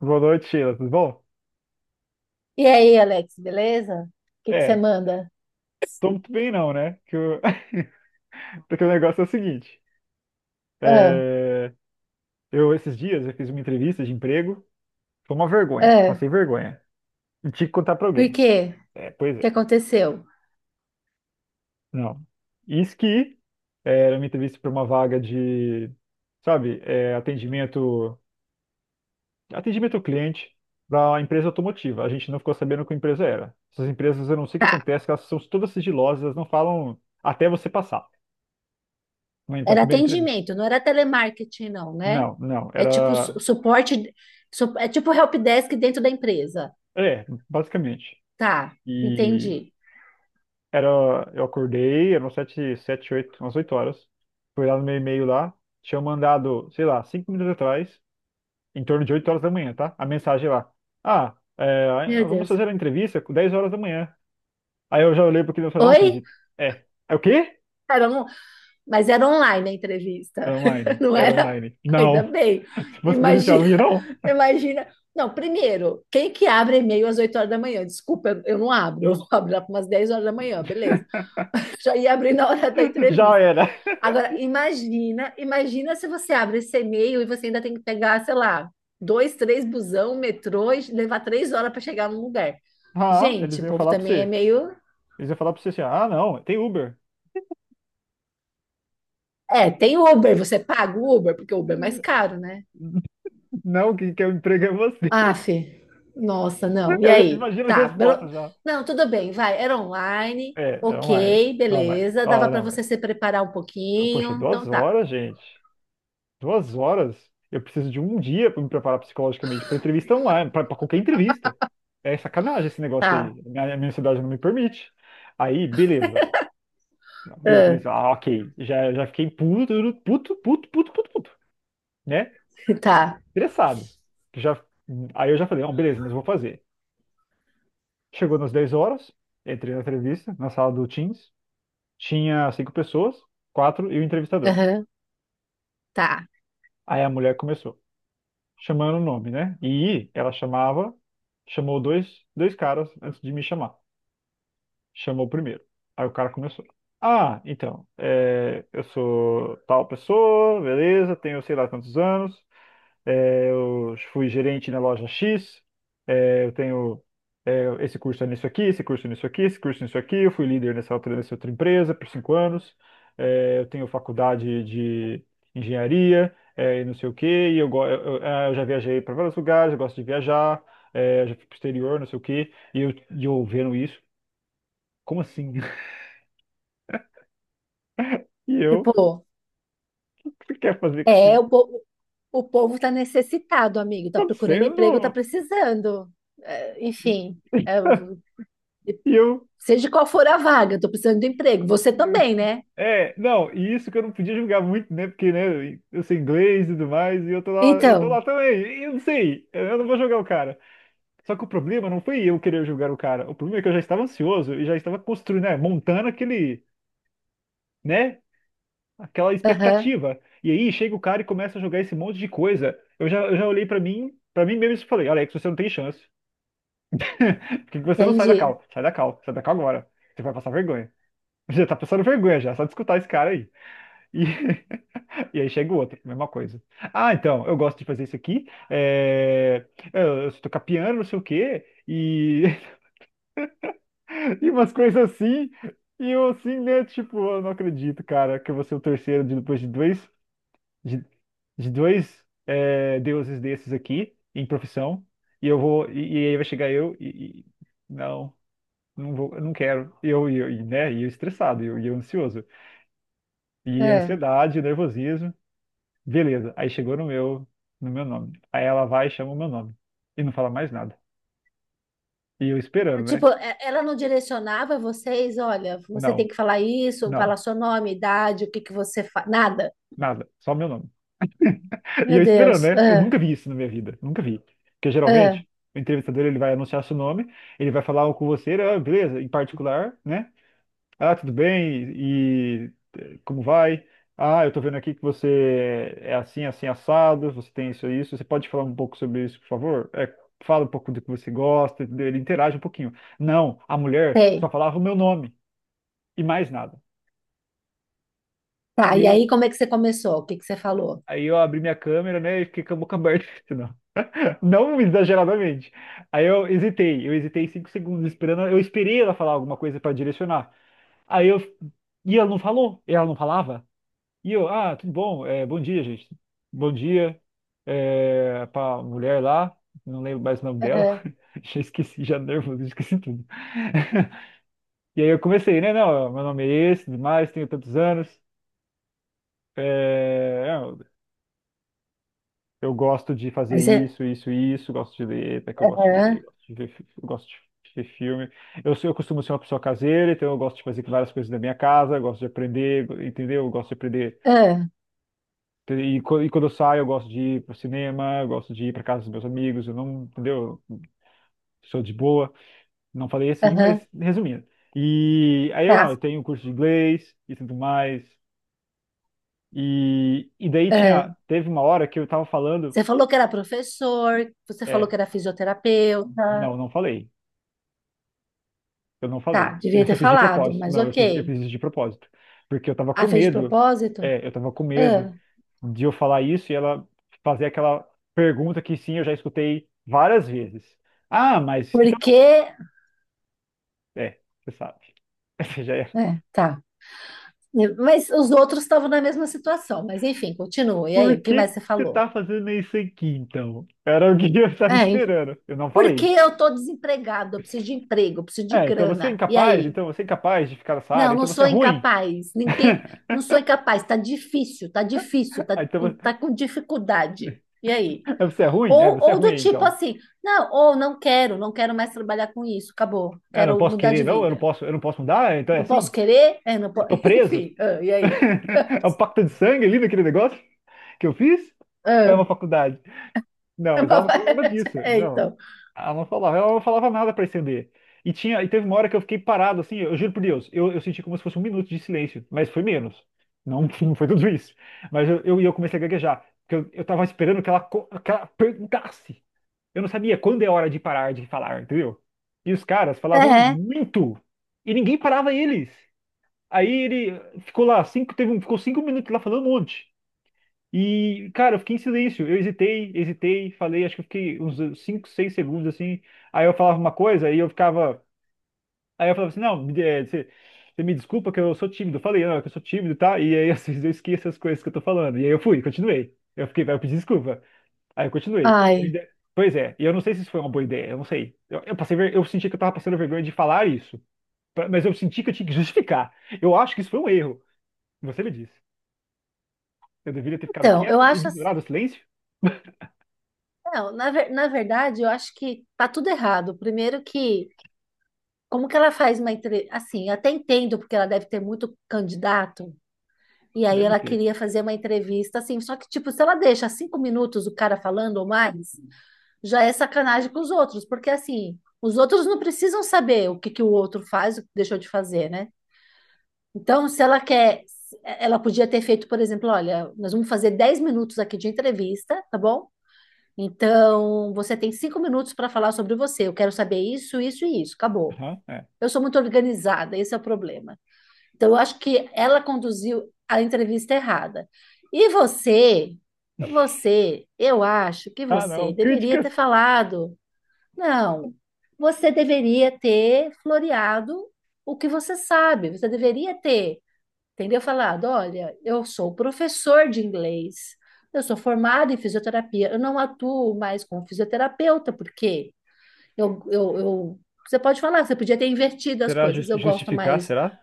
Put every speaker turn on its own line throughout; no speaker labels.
Boa noite, Sheila. Tudo bom?
E aí, Alex, beleza? O que que você
É,
manda?
Tô muito bem não, né? Que eu- Porque o negócio é o seguinte.
Ah,
é, Eu, esses dias, eu fiz uma entrevista de emprego. Foi uma vergonha.
ah,
Passei vergonha. E tinha que contar pra
por
alguém.
quê?
É, pois
O que
é.
aconteceu?
Não. Isso que era uma entrevista pra uma vaga de, sabe, é, atendimento. Atendimento ao cliente da empresa automotiva. A gente não ficou sabendo qual empresa era. Essas empresas, eu não sei o que
Tá,
acontece, que elas são todas sigilosas, elas não falam até você passar. Na
era
primeira entrevista.
atendimento, não era telemarketing, não, né?
Não, não,
É tipo
era.
suporte, é tipo help desk dentro da empresa.
É, basicamente.
Tá,
E
entendi.
era. Eu acordei, eram sete, sete, oito, umas 8 horas. Fui lá no meu e-mail lá, tinha mandado, sei lá, 5 minutos atrás, em torno de 8 horas da manhã, tá? A mensagem lá. Ah, é,
Meu
vamos
Deus.
fazer a entrevista com 10 horas da manhã. Aí eu já olhei pro cliente e falei, não
Oi?
acredito. É. É o quê?
Era um, mas era online a entrevista,
Era online.
não
Era
era?
online.
Ainda
Não.
bem.
Se fosse presencial,
Imagina,
não ia, não.
imagina. Não, primeiro, quem que abre e-mail às 8 horas da manhã? Desculpa, eu não abro. Eu vou abrir lá para umas 10 horas da manhã, beleza. Já ia abrir na hora da
Já
entrevista.
era.
Agora, imagina, imagina se você abre esse e-mail e você ainda tem que pegar, sei lá, dois, três busão, metrô e levar 3 horas para chegar num lugar.
Ah,
Gente,
eles
o
iam
povo
falar pra
também é
você.
meio.
Eles iam falar pra você assim, ah, não, tem Uber.
É, tem Uber, você paga o Uber, porque o
Eh,
Uber é mais caro, né?
Não, quem quer o emprego é você.
Ah, Fê, nossa, não. E
Eu já
aí?
imagino as
Tá,
respostas já.
não, tudo bem, vai, era online,
É, é online.
ok,
Não, mais.
beleza, dava
Ó,
para
não, mais.
você se preparar um
Poxa,
pouquinho,
duas
então tá,
horas, gente. 2 horas? Eu preciso de um dia para me preparar psicologicamente para entrevista online, pra qualquer entrevista. É sacanagem esse negócio
tá,
aí. A minha cidade não me permite. Aí, beleza. Beleza,
ah,
falei assim, ah, ok. Já, já fiquei puto, puto, puto, puto, puto, puto, né?
tá,
Interessado. Já, aí eu já falei, não, beleza, mas eu vou fazer. Chegou nas 10 horas, entrei na entrevista, na sala do Teams. Tinha cinco pessoas, quatro e o entrevistador.
aham, tá.
Aí a mulher começou, chamando o nome, né? E ela chamava, chamou dois caras antes de me chamar. Chamou o primeiro. Aí o cara começou. Ah, então, é, eu sou tal pessoa, beleza, tenho sei lá quantos anos. É, eu fui gerente na loja X, é, eu tenho é, esse curso é nisso aqui, esse curso é nisso aqui, esse curso é nisso aqui. Eu fui líder nessa outra empresa por 5 anos. É, eu tenho faculdade de engenharia é, e não sei o quê. E eu, eu já viajei para vários lugares, eu gosto de viajar, é, já fui para o exterior, não sei o quê. E eu vendo isso, como assim? E eu,
Tipo,
o que você quer fazer com
é,
isso?
o povo tá necessitado, amigo, tá
Tá
procurando emprego, tá
acontecendo?
precisando. É, enfim, é,
E eu.
seja qual for a vaga, eu tô precisando de emprego. Você também, né?
É, não, e isso que eu não podia julgar muito, né? Porque, né, eu sei inglês e tudo mais, e eu tô
Então,
lá também, e eu não sei, eu não vou julgar o cara. Só que o problema não foi eu querer julgar o cara, o problema é que eu já estava ansioso e já estava construindo, né, montando aquele, né, aquela
aham,
expectativa. E aí chega o cara e começa a jogar esse monte de coisa. Eu já olhei pra mim mesmo e falei, Alex, você não tem chance. Porque você não sai da
entendi.
cal, sai da cal, sai da cal agora. Você vai passar vergonha. Você já tá passando vergonha já, só de escutar esse cara aí. E, e aí chega o outro, mesma coisa. Ah, então, eu gosto de fazer isso aqui. É. Eu tocar piano, não sei o quê, e, e umas coisas assim. E eu assim, né? Tipo, eu não acredito, cara, que eu vou ser o terceiro de, depois de, de dois é, deuses desses aqui, em profissão. E eu vou, e aí vai chegar eu e, não, não vou, eu não quero. E eu, e eu, e, né? E eu estressado, e eu ansioso. E
É.
ansiedade, nervosismo. Beleza. Aí chegou no meu, no meu nome. Aí ela vai e chama o meu nome. E não fala mais nada. E eu
É,
esperando, né?
tipo, ela não direcionava vocês, olha, você tem
Não,
que falar isso, falar
não,
seu nome, idade, o que que você faz, nada.
nada. Só meu nome. E
Meu
eu esperando,
Deus,
né? Eu
ah,
nunca vi isso na minha vida. Nunca vi. Porque
ah,
geralmente, o entrevistador ele vai anunciar seu nome, ele vai falar com você, ah, beleza, em particular, né? Ah, tudo bem? E como vai? Ah, eu tô vendo aqui que você é assim, assim, assado, você tem isso e isso. Você pode falar um pouco sobre isso, por favor? É, fala um pouco do que você gosta, entendeu? Ele interage um pouquinho. Não, a mulher
sei.
só falava o meu nome e mais nada.
Tá,
E
e aí
eu,
como é que você começou? O que que você falou?
aí eu abri minha câmera, né, e fiquei com a boca aberta, não, não exageradamente. Aí eu hesitei 5 segundos esperando, eu esperei ela falar alguma coisa para direcionar. Aí eu, e ela não falou, ela não falava. E eu, ah, tudo bom? É, bom dia, gente. Bom dia é, para mulher lá, não lembro mais o nome dela.
Aham,
Já esqueci, já nervoso, esqueci tudo. E aí eu comecei, né? Não, meu nome é esse, tudo mais, tenho tantos anos. é, eu eu gosto de fazer
aí você,
isso, isso, isso. Gosto de ler, até que eu gosto de ler,
aham,
gosto de ver, eu gosto de ver filme. Eu costumo ser uma pessoa caseira, então eu gosto de fazer várias coisas da minha casa, eu gosto de aprender, entendeu? Eu gosto de aprender.
ah,
E quando eu saio, eu gosto de ir pro cinema, eu gosto de ir pra casa dos meus amigos, eu não, entendeu? Eu sou de boa, não falei assim,
aham,
mas resumindo. E aí eu não, eu
tá.
tenho um curso de inglês e tudo mais. E daí
É,
tinha, teve uma hora que eu tava falando,
você falou que era professor, você falou que
é,
era fisioterapeuta.
não, não falei. Eu não
Tá,
falei.
devia
Isso
ter
eu fiz de
falado,
propósito.
mas
Não, eu
ok.
fiz isso de propósito. Porque eu tava com
Ah, fez de
medo,
propósito?
eu tava com medo
Ah,
de eu falar isso e ela fazer aquela pergunta que sim, eu já escutei várias vezes. Ah, mas
porque.
é, você sabe. Você já ia falar.
É, tá. Mas os outros estavam na mesma situação, mas enfim, continua. E aí,
Por
o que
que
mais
que
você
você
falou?
tá fazendo isso aqui, então? Era o que eu estava
É, enfim.
esperando. Eu não
Porque
falei.
eu tô desempregado, eu preciso de emprego, eu preciso de
É, então você é
grana. E
incapaz,
aí?
então você é incapaz de ficar nessa área,
Não,
então
não
você é
sou
ruim.
incapaz. Ninguém. Não sou incapaz, tá difícil, tá difícil, tá,
Ah, então
tá com dificuldade. E aí?
você é ruim? É, você é
Ou
ruim
do
aí,
tipo
então.
assim, não, ou não quero, não quero mais trabalhar com isso, acabou,
É, eu não
quero
posso
mudar de
querer, não,
vida.
eu não posso mudar, então é
Não posso
assim?
querer? É, não
Eu
posso.
tô preso?
Enfim, ah, e aí?
É um pacto de sangue ali naquele negócio que eu fiz? Ou é uma
Ah,
faculdade? Não,
é
mas
uma
ela não falava nada
variedade.
disso.
É,
Não.
então.
Ela não falava nada para estender. E tinha, e teve uma hora que eu fiquei parado, assim, eu juro por Deus, eu senti como se fosse um minuto de silêncio, mas foi menos. Não, não foi tudo isso. Mas eu, e eu comecei a gaguejar, porque eu tava esperando que ela, que ela perguntasse. Eu não sabia quando é hora de parar de falar, entendeu? E os caras falavam
É,
muito, e ninguém parava eles. Aí ele ficou lá, cinco, teve, ficou 5 minutos lá falando um monte. E, cara, eu fiquei em silêncio. Eu hesitei, hesitei, falei, acho que eu fiquei uns 5, 6 segundos assim. Aí eu falava uma coisa e eu ficava. Aí eu falava assim: não, é, você, você me desculpa que eu sou tímido. Eu falei, não, é que eu sou tímido, tá? E aí às vezes eu esqueço as coisas que eu tô falando. E aí eu fui, continuei. Eu fiquei, vai, eu pedi desculpa. Aí eu continuei.
ai.
Pois é, e eu não sei se isso foi uma boa ideia, eu não sei. Eu passei, eu senti que eu tava passando vergonha de falar isso, mas eu senti que eu tinha que justificar. Eu acho que isso foi um erro. Você me disse. Eu deveria ter ficado
Então, eu
quieto e
acho assim,
ignorado o silêncio?
não, na verdade, eu acho que tá tudo errado. Primeiro que, como que ela faz uma entrevista? Assim, eu até entendo, porque ela deve ter muito candidato, e aí
Deve
ela
ter.
queria fazer uma entrevista, assim, só que, tipo, se ela deixa 5 minutos o cara falando ou mais. Já é sacanagem com os outros, porque assim, os outros não precisam saber o que, que o outro faz, o que deixou de fazer, né? Então, se ela quer, ela podia ter feito, por exemplo, olha, nós vamos fazer 10 minutos aqui de entrevista, tá bom? Então, você tem 5 minutos para falar sobre você. Eu quero saber isso, isso e isso. Acabou.
Aham, é.
Eu sou muito organizada, esse é o problema. Então, eu acho que ela conduziu a entrevista errada. E você, eu acho que
Ah, não.
você deveria
Críticas.
ter falado não, você deveria ter floreado o que você sabe, você deveria ter, entendeu? Falado, olha, eu sou professor de inglês, eu sou formado em fisioterapia, eu não atuo mais como fisioterapeuta, porque eu, eu, eu- você pode falar, você podia ter invertido as
Será
coisas, eu gosto
justificar?
mais,
Será?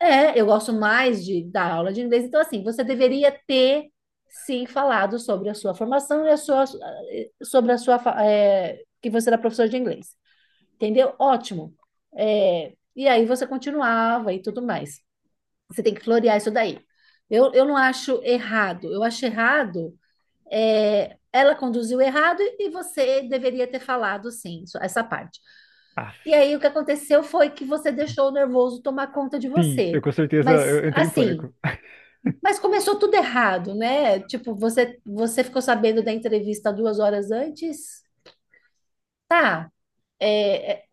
é, eu gosto mais de dar aula de inglês, então assim, você deveria ter, sim, falado sobre a sua formação e a sua, sobre a sua, é, que você era professor de inglês, entendeu? Ótimo. É, e aí você continuava e tudo mais. Você tem que florear isso daí. Eu não acho errado. Eu acho errado. É, ela conduziu errado e você deveria ter falado sim, essa parte. E
Aff.
aí o que aconteceu foi que você deixou o nervoso tomar conta de
Sim, eu
você.
com certeza eu
Mas
eu entrei em
assim,
pânico.
mas começou tudo errado, né? Tipo, você ficou sabendo da entrevista 2 horas antes? Tá. É,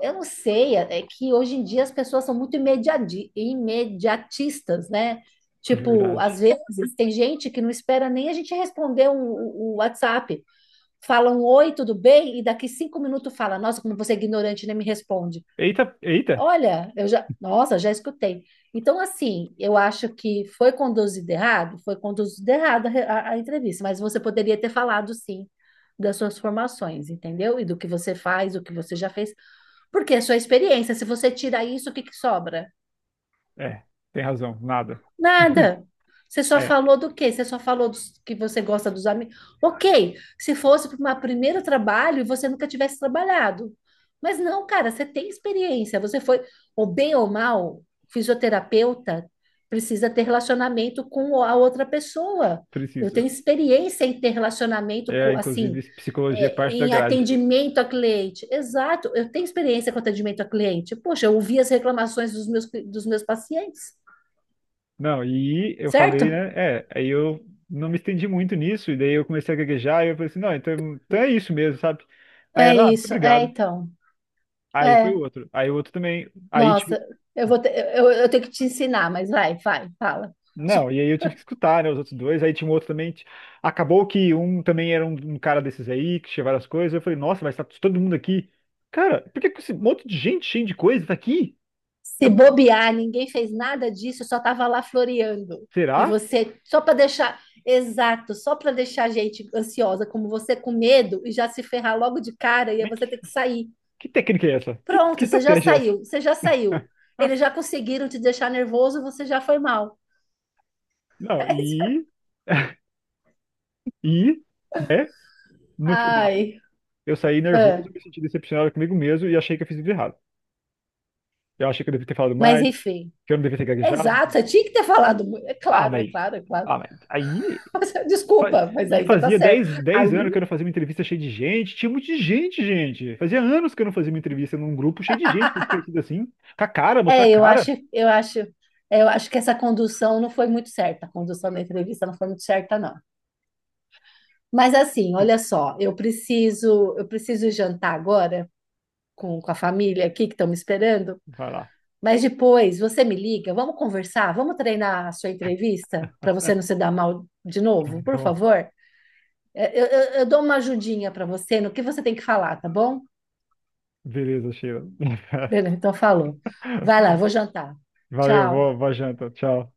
eu não sei, é que hoje em dia as pessoas são muito imediatistas, né?
De
Tipo, às
verdade.
vezes tem gente que não espera nem a gente responder o um WhatsApp. Falam oi, tudo bem? E daqui 5 minutos fala, nossa, como você é ignorante, nem me responde.
Eita, eita.
Olha, eu já, nossa, já escutei. Então, assim, eu acho que foi conduzido errado a, re- a entrevista, mas você poderia ter falado sim das suas formações, entendeu? E do que você faz, o que você já fez. Porque é sua experiência. Se você tirar isso, o que que sobra?
É, tem razão. Nada.
Nada. Você só
É,
falou do quê? Você só falou que você gosta dos amigos. Ok, se fosse para um primeiro trabalho e você nunca tivesse trabalhado. Mas não, cara, você tem experiência. Você foi, ou bem ou mal, fisioterapeuta, precisa ter relacionamento com a outra pessoa. Eu
precisa.
tenho experiência em ter relacionamento
É,
com, assim,
inclusive, psicologia é
é,
parte da
em
grade.
atendimento a cliente. Exato, eu tenho experiência com atendimento a cliente. Poxa, eu ouvi as reclamações dos meus, dos meus pacientes,
Não, e eu
certo?
falei, né? É, aí eu não me estendi muito nisso, e daí eu comecei a gaguejar, e eu falei assim, não, então, então é isso mesmo, sabe? Aí
É
ela, ah, muito
isso, é
obrigado.
então.
Aí foi
É,
o outro. Aí o outro também. Aí, tipo,
nossa, eu vou ter, eu tenho que te ensinar, mas vai, vai, fala.
não, e aí eu tive que escutar, né, os outros dois. Aí tinha um outro também. Acabou que um também era um, um cara desses aí, que tinha várias coisas. Eu falei, nossa, mas tá todo mundo aqui. Cara, por que que esse monte de gente cheio de coisa tá aqui?
Se
Eu-
bobear, ninguém fez nada disso, só estava lá floreando. E
Será?
você, só para deixar, exato, só para deixar a gente ansiosa, como você com medo e já se ferrar logo de cara, e aí
Mas
você ter que sair.
que técnica é essa? Que
Pronto, você já
estratégia é essa?
saiu, você já saiu. Eles já conseguiram te deixar nervoso, você já foi mal.
Não, e, né, no final,
Ai,
eu saí nervoso,
é.
me senti decepcionado comigo mesmo e achei que eu fiz tudo errado. Eu achei que eu devia ter falado
Mas
mais,
enfim.
que eu não devia ter gaguejado.
Exato, você tinha que ter falado. É
Ah,
claro, é
mas,
claro, é claro.
ah, mas aí. Fa-
Desculpa, mas
E
aí você tá
fazia
certo.
dez
Aí,
dez anos que eu não fazia uma entrevista cheia de gente. Tinha muito de gente, gente. Fazia anos que eu não fazia uma entrevista num grupo cheio de gente, com os assim. Com a cara, mostrar a
é, eu acho,
cara.
eu acho, é, eu acho que essa condução não foi muito certa. A condução da entrevista não foi muito certa, não. Mas assim, olha só, eu preciso jantar agora com a família aqui que estão me esperando.
Vai lá.
Mas depois você me liga, vamos conversar, vamos treinar a sua entrevista para você não se dar mal de
Tá
novo, por
bom.
favor. É, Eu dou uma ajudinha para você no que você tem que falar, tá bom?
Beleza, Sheila.
Beleza, então falou. Vai lá, eu vou jantar.
Valeu,
Tchau.
boa, boa janta. Tchau.